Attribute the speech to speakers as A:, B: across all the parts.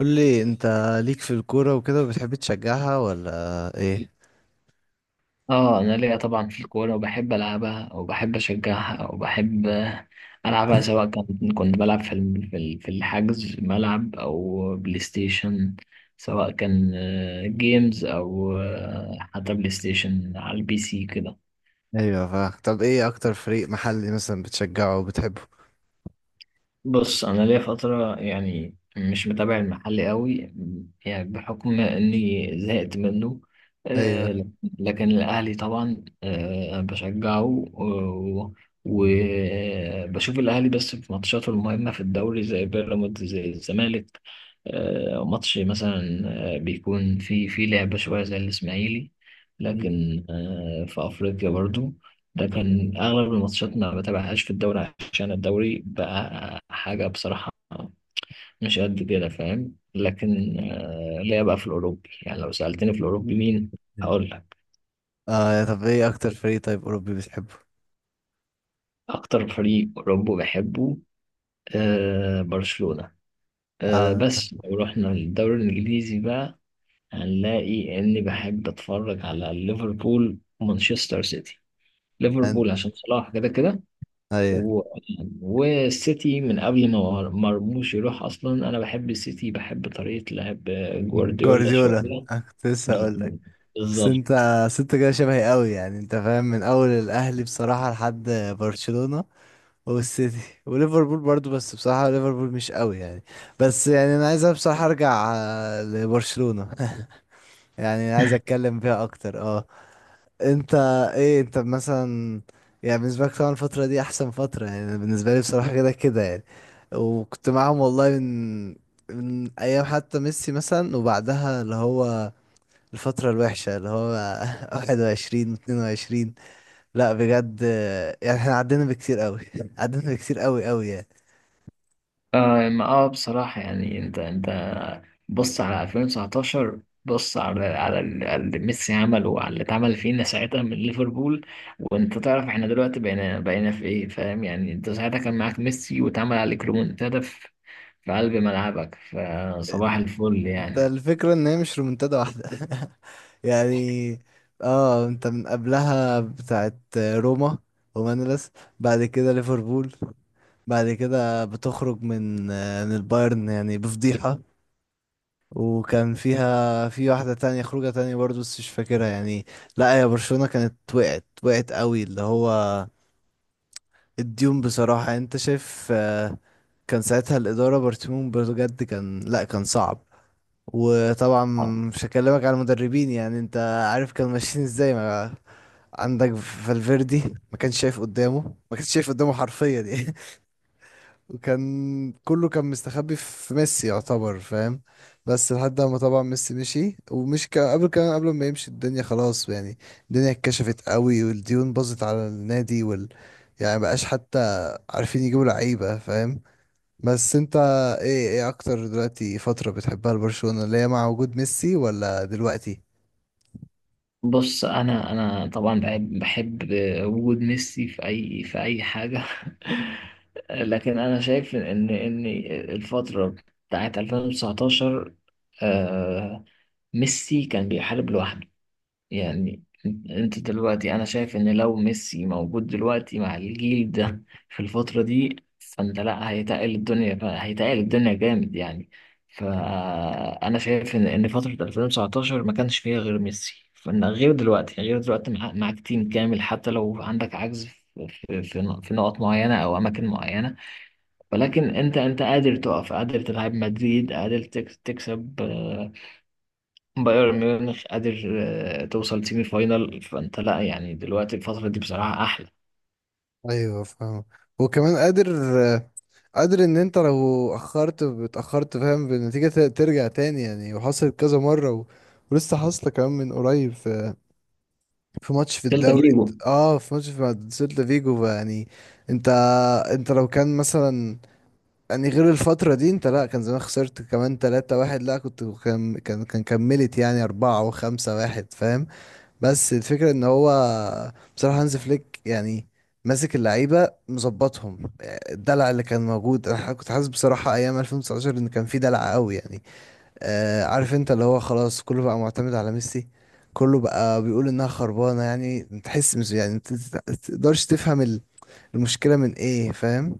A: قول لي، انت ليك في الكورة وكده وبتحب تشجعها ولا ايه؟
B: اه انا ليا طبعا في الكوره، وبحب العبها وبحب اشجعها وبحب العبها سواء كان كنت بلعب في في الحجز ملعب او بلاي ستيشن، سواء كان جيمز او حتى بلاي ستيشن على البي سي كده.
A: ايوه. فا طب، ايه اكتر فريق محلي مثلا بتشجعه وبتحبه؟
B: بص، انا ليا فتره يعني مش متابع المحل قوي، يعني بحكم اني زهقت منه.
A: ايوه.
B: آه، لكن الاهلي طبعا وبشوف الاهلي بس في ماتشاته المهمه في الدوري، زي بيراميدز، زي الزمالك. ماتش مثلا بيكون في لعبه شويه زي الاسماعيلي، لكن في افريقيا برضو. لكن اغلب الماتشات ما بتابعهاش في الدوري، عشان الدوري بقى حاجة بصراحة مش قد كده، فاهم؟ لكن ليا بقى في الأوروبي. يعني لو سألتني في الأوروبي مين، هقول لك
A: اه، يا طب ايه اكتر فريق طيب اوروبي بتحبه؟
B: أكتر فريق أوروبي بحبه برشلونة.
A: اه.
B: بس لو رحنا للدوري الإنجليزي بقى، هنلاقي إني بحب أتفرج على ليفربول ومانشستر سيتي.
A: أن...
B: ليفربول عشان صلاح كده كده،
A: ايوه.
B: و... والسيتي من قبل ما مرموش يروح اصلا. انا بحب السيتي، بحب طريقة لعب جوارديولا
A: جوارديولا،
B: شوية.
A: أنا كنت لسه اقول لك. بس انت
B: بالظبط.
A: بس انت كده شبهي قوي يعني، انت فاهم من اول الاهلي بصراحة لحد برشلونة والسيتي وليفربول برضو، بس بصراحة ليفربول مش قوي يعني. بس يعني انا عايز بصراحة ارجع لبرشلونة. يعني عايز اتكلم فيها اكتر. اه، انت، ايه انت مثلا، يعني بالنسبه لك طبعا الفتره دي احسن فتره. يعني أنا بالنسبه لي بصراحه كده كده يعني. وكنت معاهم والله من ايام حتى ميسي مثلا، وبعدها اللي هو الفتره الوحشه اللي هو 21 و22. لا بجد، يعني احنا عدينا بكتير قوي. عدينا بكتير قوي قوي يعني.
B: آه ما اه بصراحة يعني انت بص على 2019، بص على اللي ميسي عمله وعلى اللي اتعمل فينا ساعتها من ليفربول. وانت تعرف احنا دلوقتي بقينا في ايه، فاهم؟ يعني انت ساعتها كان معاك ميسي، واتعمل عليك ريمونتادا في في قلب ملعبك، فصباح الفل يعني.
A: الفكرة ان هي مش رومنتادا واحدة. يعني اه، انت من قبلها بتاعت روما، ومانلس، بعد كده ليفربول، بعد كده بتخرج من البايرن يعني بفضيحة. وكان فيها في واحدة تانية، خروجة تانية برضو بس مش فاكرها يعني. لا يا برشلونة كانت وقعت، وقعت قوي اللي هو الديون، بصراحة انت شايف. كان ساعتها الإدارة برشلونة بجد كان لا كان صعب. وطبعا مش هكلمك على المدربين، يعني انت عارف كانوا ماشيين ازاي. ما عندك فالفيردي ما كانش شايف قدامه، ما كانش شايف قدامه حرفيا يعني. وكان كله كان مستخبي في ميسي يعتبر، فاهم؟ بس لحد ما طبعا ميسي مشي، ومش كان قبل كمان قبل ما يمشي الدنيا خلاص يعني. الدنيا اتكشفت قوي، والديون باظت على النادي. يعني مبقاش حتى عارفين يجيبوا لعيبة، فاهم؟ بس انت، ايه اكتر دلوقتي فترة بتحبها لبرشلونة؟ اللي هي مع وجود ميسي ولا دلوقتي؟
B: بص، انا طبعا بحب وجود ميسي في في اي حاجه. لكن انا شايف ان الفتره بتاعت 2019، آه، ميسي كان بيحارب لوحده يعني. انت دلوقتي انا شايف ان لو ميسي موجود دلوقتي مع الجيل ده في الفترة دي، فانت لا، هيتقل الدنيا، هيتقل الدنيا جامد يعني. فانا شايف ان فترة 2019 ما كانش فيها غير ميسي، فان غير دلوقتي، غير دلوقتي معاك تيم كامل. حتى لو عندك عجز في في نقط معينة او اماكن معينة، ولكن انت، انت قادر تقف، قادر تلعب مدريد، قادر تكسب بايرن ميونخ، قادر توصل سيمي فاينال. فانت لا، يعني دلوقتي الفترة دي بصراحة احلى.
A: ايوه، فاهم. وكمان قادر ان انت لو اتاخرت، فاهم، بالنتيجة ترجع تاني يعني. وحصلت كذا مرة. ولسه حاصلة كمان من قريب في ماتش في
B: سيلتا
A: الدوري.
B: فيجو.
A: اه، في ماتش في مع سيلتا فيجو يعني. انت انت لو كان مثلا، يعني غير الفترة دي، انت لا كان زمان خسرت كمان تلاتة واحد، لا كنت كان كملت يعني أربعة وخمسة واحد، فاهم؟ بس الفكرة ان هو بصراحة هانز فليك يعني، ماسك اللعيبة مظبطهم. الدلع اللي كان موجود، انا كنت حاسس بصراحة ايام 2019 ان كان في دلع قوي يعني. عارف انت اللي هو خلاص كله بقى معتمد على ميسي، كله بقى بيقول انها خربانة يعني، تحس يعني ما تقدرش تفهم المشكلة من ايه، فاهم؟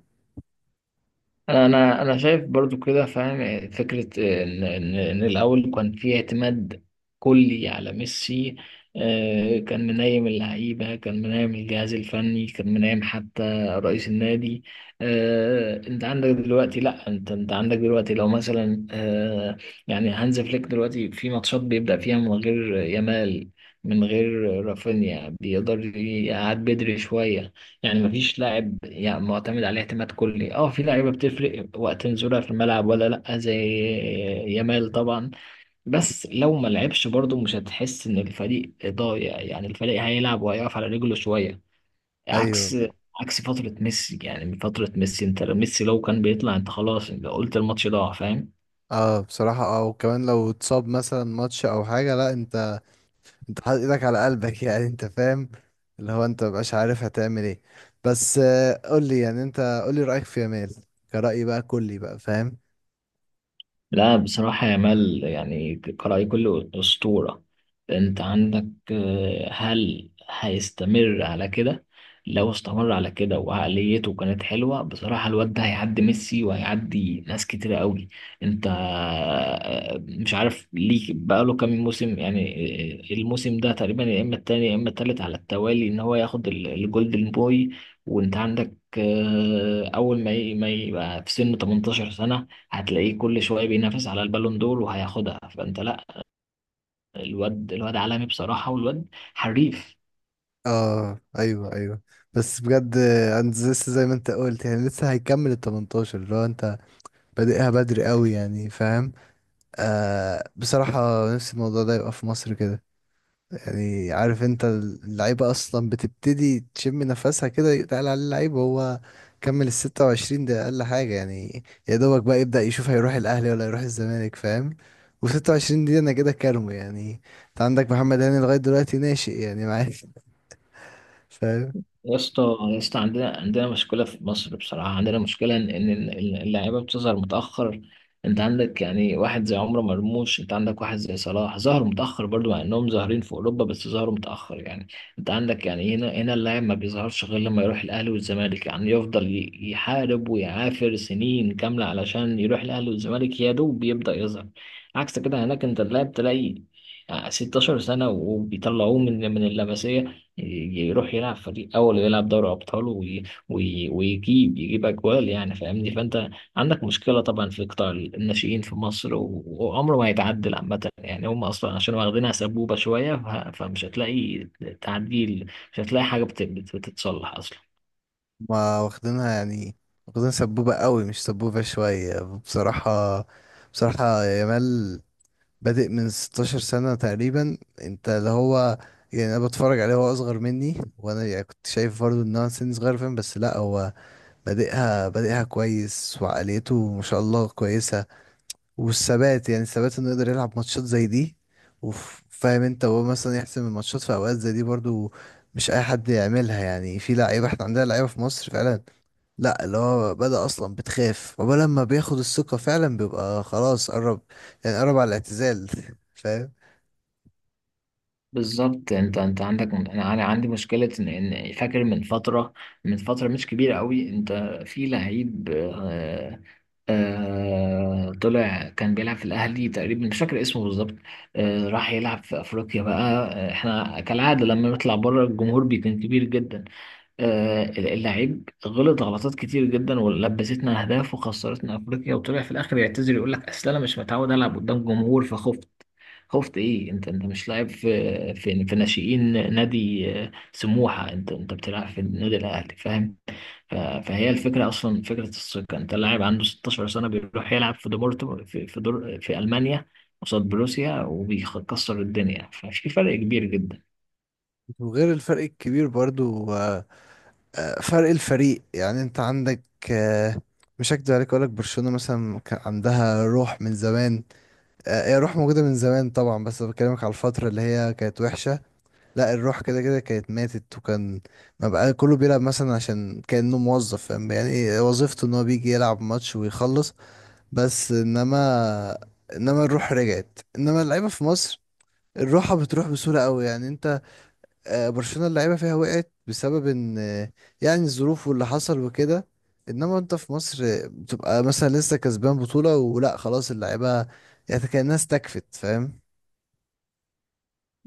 B: انا شايف برضو كده، فاهم فكره ان إن الاول كان في اعتماد كلي على ميسي. كان منايم اللعيبه، كان منايم الجهاز الفني، كان منايم حتى رئيس النادي. انت عندك دلوقتي لا، انت عندك دلوقتي لو مثلا يعني هانز فليك دلوقتي في ماتشات بيبدا فيها من غير يامال، من غير رافينيا، بيقدر يقعد بدري شويه. يعني مفيش لاعب يعني معتمد عليه اعتماد كلي. اه، في لعيبه بتفرق وقت نزولها في الملعب ولا لا، زي يامال طبعا، بس لو ما لعبش برضه مش هتحس ان الفريق ضايع. يعني الفريق هيلعب وهيقف على رجله شويه،
A: ايوه.
B: عكس، عكس فتره ميسي. يعني من فتره ميسي انت، ميسي لو كان بيطلع انت خلاص، انت قلت الماتش ضاع، فاهم؟
A: اه بصراحة، وكمان لو اتصاب مثلا ماتش او حاجة، لا انت حاطط ايدك على قلبك. يعني انت فاهم، اللي هو انت مبقاش عارف هتعمل ايه. بس قول لي يعني، انت قول لي رأيك في يامال كرأيي بقى، كلي بقى، فاهم؟
B: لا بصراحة يا مال يعني قرأي كله أسطورة. أنت عندك هل هيستمر على كده؟ لو استمر على كده وعقليته كانت حلوة، بصراحة الواد ده هيعدي ميسي وهيعدي ناس كتيرة قوي. أنت مش عارف ليه بقاله كام موسم يعني الموسم ده تقريبا، يا إما التاني يا إما التالت على التوالي، إن هو ياخد الجولدن بوي. وأنت عندك أول ما يبقى في سن 18 سنة، هتلاقيه كل شويه بينافس على البالون دور وهياخدها. فانت لا، الواد، الواد عالمي بصراحه، والواد حريف.
A: اه، ايوه ايوه. بس بجد انت لسه زي ما انت قلت يعني، لسه هيكمل ال 18، اللي هو انت بادئها بدري قوي يعني، فاهم؟ بصراحة، نفسي الموضوع ده يبقى في مصر كده. يعني عارف انت اللعيبة اصلا بتبتدي تشم نفسها كده، يتقال عليه اللعيب هو كمل ال 26، ده اقل حاجة يعني. يا دوبك بقى يبدأ يشوف هيروح الاهلي ولا يروح الزمالك، فاهم؟ و 26 دي انا كده كارمو يعني. انت عندك محمد هاني لغاية دلوقتي ناشئ يعني، معاك. فاهم؟
B: يا اسطى، يا اسطى، عندنا مشكلة في مصر، بصراحة عندنا مشكلة إن إن اللاعيبة بتظهر متأخر. أنت عندك يعني واحد زي عمر مرموش، أنت عندك واحد زي صلاح، ظهروا متأخر برضو، مع إنهم ظاهرين في أوروبا، بس ظهروا متأخر يعني. أنت عندك يعني هنا اللاعب ما بيظهرش غير لما يروح الأهلي والزمالك. يعني يفضل يحارب ويعافر سنين كاملة علشان يروح الأهلي والزمالك، يا دوب يبدأ يظهر. عكس كده هناك، أنت اللاعب تلاقي 16 سنة وبيطلعوه من اللمسية، يروح يلعب فريق اول ويلعب دوري ابطال، ويجيب، يجيب اجوال يعني، فاهمني؟ فانت عندك مشكله طبعا في قطاع الناشئين في مصر، وعمره ما هيتعدل عامه. يعني هم اصلا عشان واخدينها سبوبه شويه، فمش هتلاقي تعديل، مش هتلاقي حاجه بتتصلح اصلا.
A: ما واخدينها يعني، واخدين سبوبة قوي، مش سبوبة شوية بصراحة. بصراحة يامال بادئ من 16 سنة تقريبا، انت اللي هو يعني انا بتفرج عليه، هو اصغر مني، وانا يعني كنت شايف برضه ان هو سن صغير، فاهم؟ بس لا، هو بادئها كويس، وعقليته ما شاء الله كويسة. والثبات يعني الثبات انه يقدر يلعب ماتشات زي دي، وفاهم انت، وهو مثلا يحسم الماتشات في اوقات زي دي برضه. مش اي حد يعملها يعني، في لعيبة احنا عندنا لعيبة في مصر فعلا، لا اللي هو بدأ اصلا بتخاف، وبلما بياخد الثقة فعلا بيبقى خلاص قرب. يعني قرب على الاعتزال. فاهم؟
B: بالظبط. انت عندك، انا عندي مشكله ان فاكر من فتره، من فتره مش كبيره قوي، انت في لعيب طلع، كان بيلعب في الاهلي تقريبا، مش فاكر اسمه بالظبط، راح يلعب في افريقيا بقى. احنا كالعاده لما نطلع بره الجمهور بيكون كبير جدا. اللعيب غلط غلطات كتير جدا، ولبستنا اهداف، وخسرتنا افريقيا، وطلع في الاخر يعتذر يقول لك اصل انا مش متعود العب قدام جمهور فخفت. خفت ايه؟ انت، انت مش لاعب في في ناشئين نادي سموحه، انت انت بتلعب في النادي الاهلي، فاهم؟ فهي الفكره اصلا فكره الثقه. انت لاعب عنده 16 سنه بيروح يلعب في دورتموند، دور في المانيا قصاد بروسيا وبيكسر الدنيا، ففي فرق كبير جدا.
A: وغير الفرق الكبير برضو. فرق الفريق يعني، انت عندك. آه، مش هكدب عليك اقولك برشلونة مثلا كان عندها روح من زمان. هي روح موجودة من زمان طبعا، بس بكلمك على الفترة اللي هي كانت وحشة. لا، الروح كده كده كانت ماتت، وكان ما بقى كله بيلعب مثلا، عشان كأنه موظف، فاهم يعني إيه وظيفته؟ ان هو بيجي يلعب ماتش ويخلص. بس انما الروح رجعت، انما اللعيبة في مصر الروحة بتروح بسهولة قوي يعني، انت. برشلونة اللعيبة فيها وقعت بسبب ان يعني الظروف واللي حصل وكده. انما انت في مصر بتبقى مثلا لسه كسبان بطولة ولا خلاص اللعيبة، يعني كأنها استكفت، فاهم؟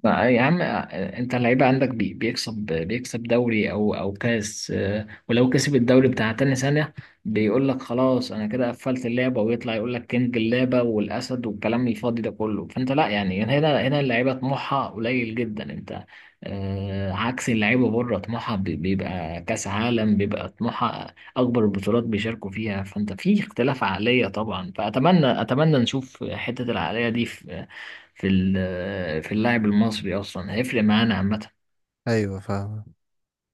B: يا عم، انت اللعيبه عندك بيكسب دوري او كاس ولو كسب الدوري بتاع تاني سنه بيقول لك خلاص انا كده قفلت اللعبه، ويطلع يقول لك كينج اللعبه والاسد والكلام الفاضي ده كله. فانت لا، يعني هنا اللعيبه طموحها قليل جدا. انت عكس اللعيبه بره، طموحها بيبقى كاس عالم، بيبقى طموحها اكبر البطولات بيشاركوا فيها. فانت في اختلاف عقليه طبعا، اتمنى نشوف حته العقليه دي في في اللاعب المصري اصلا، هيفرق معانا عامه.
A: ايوه، فاهم.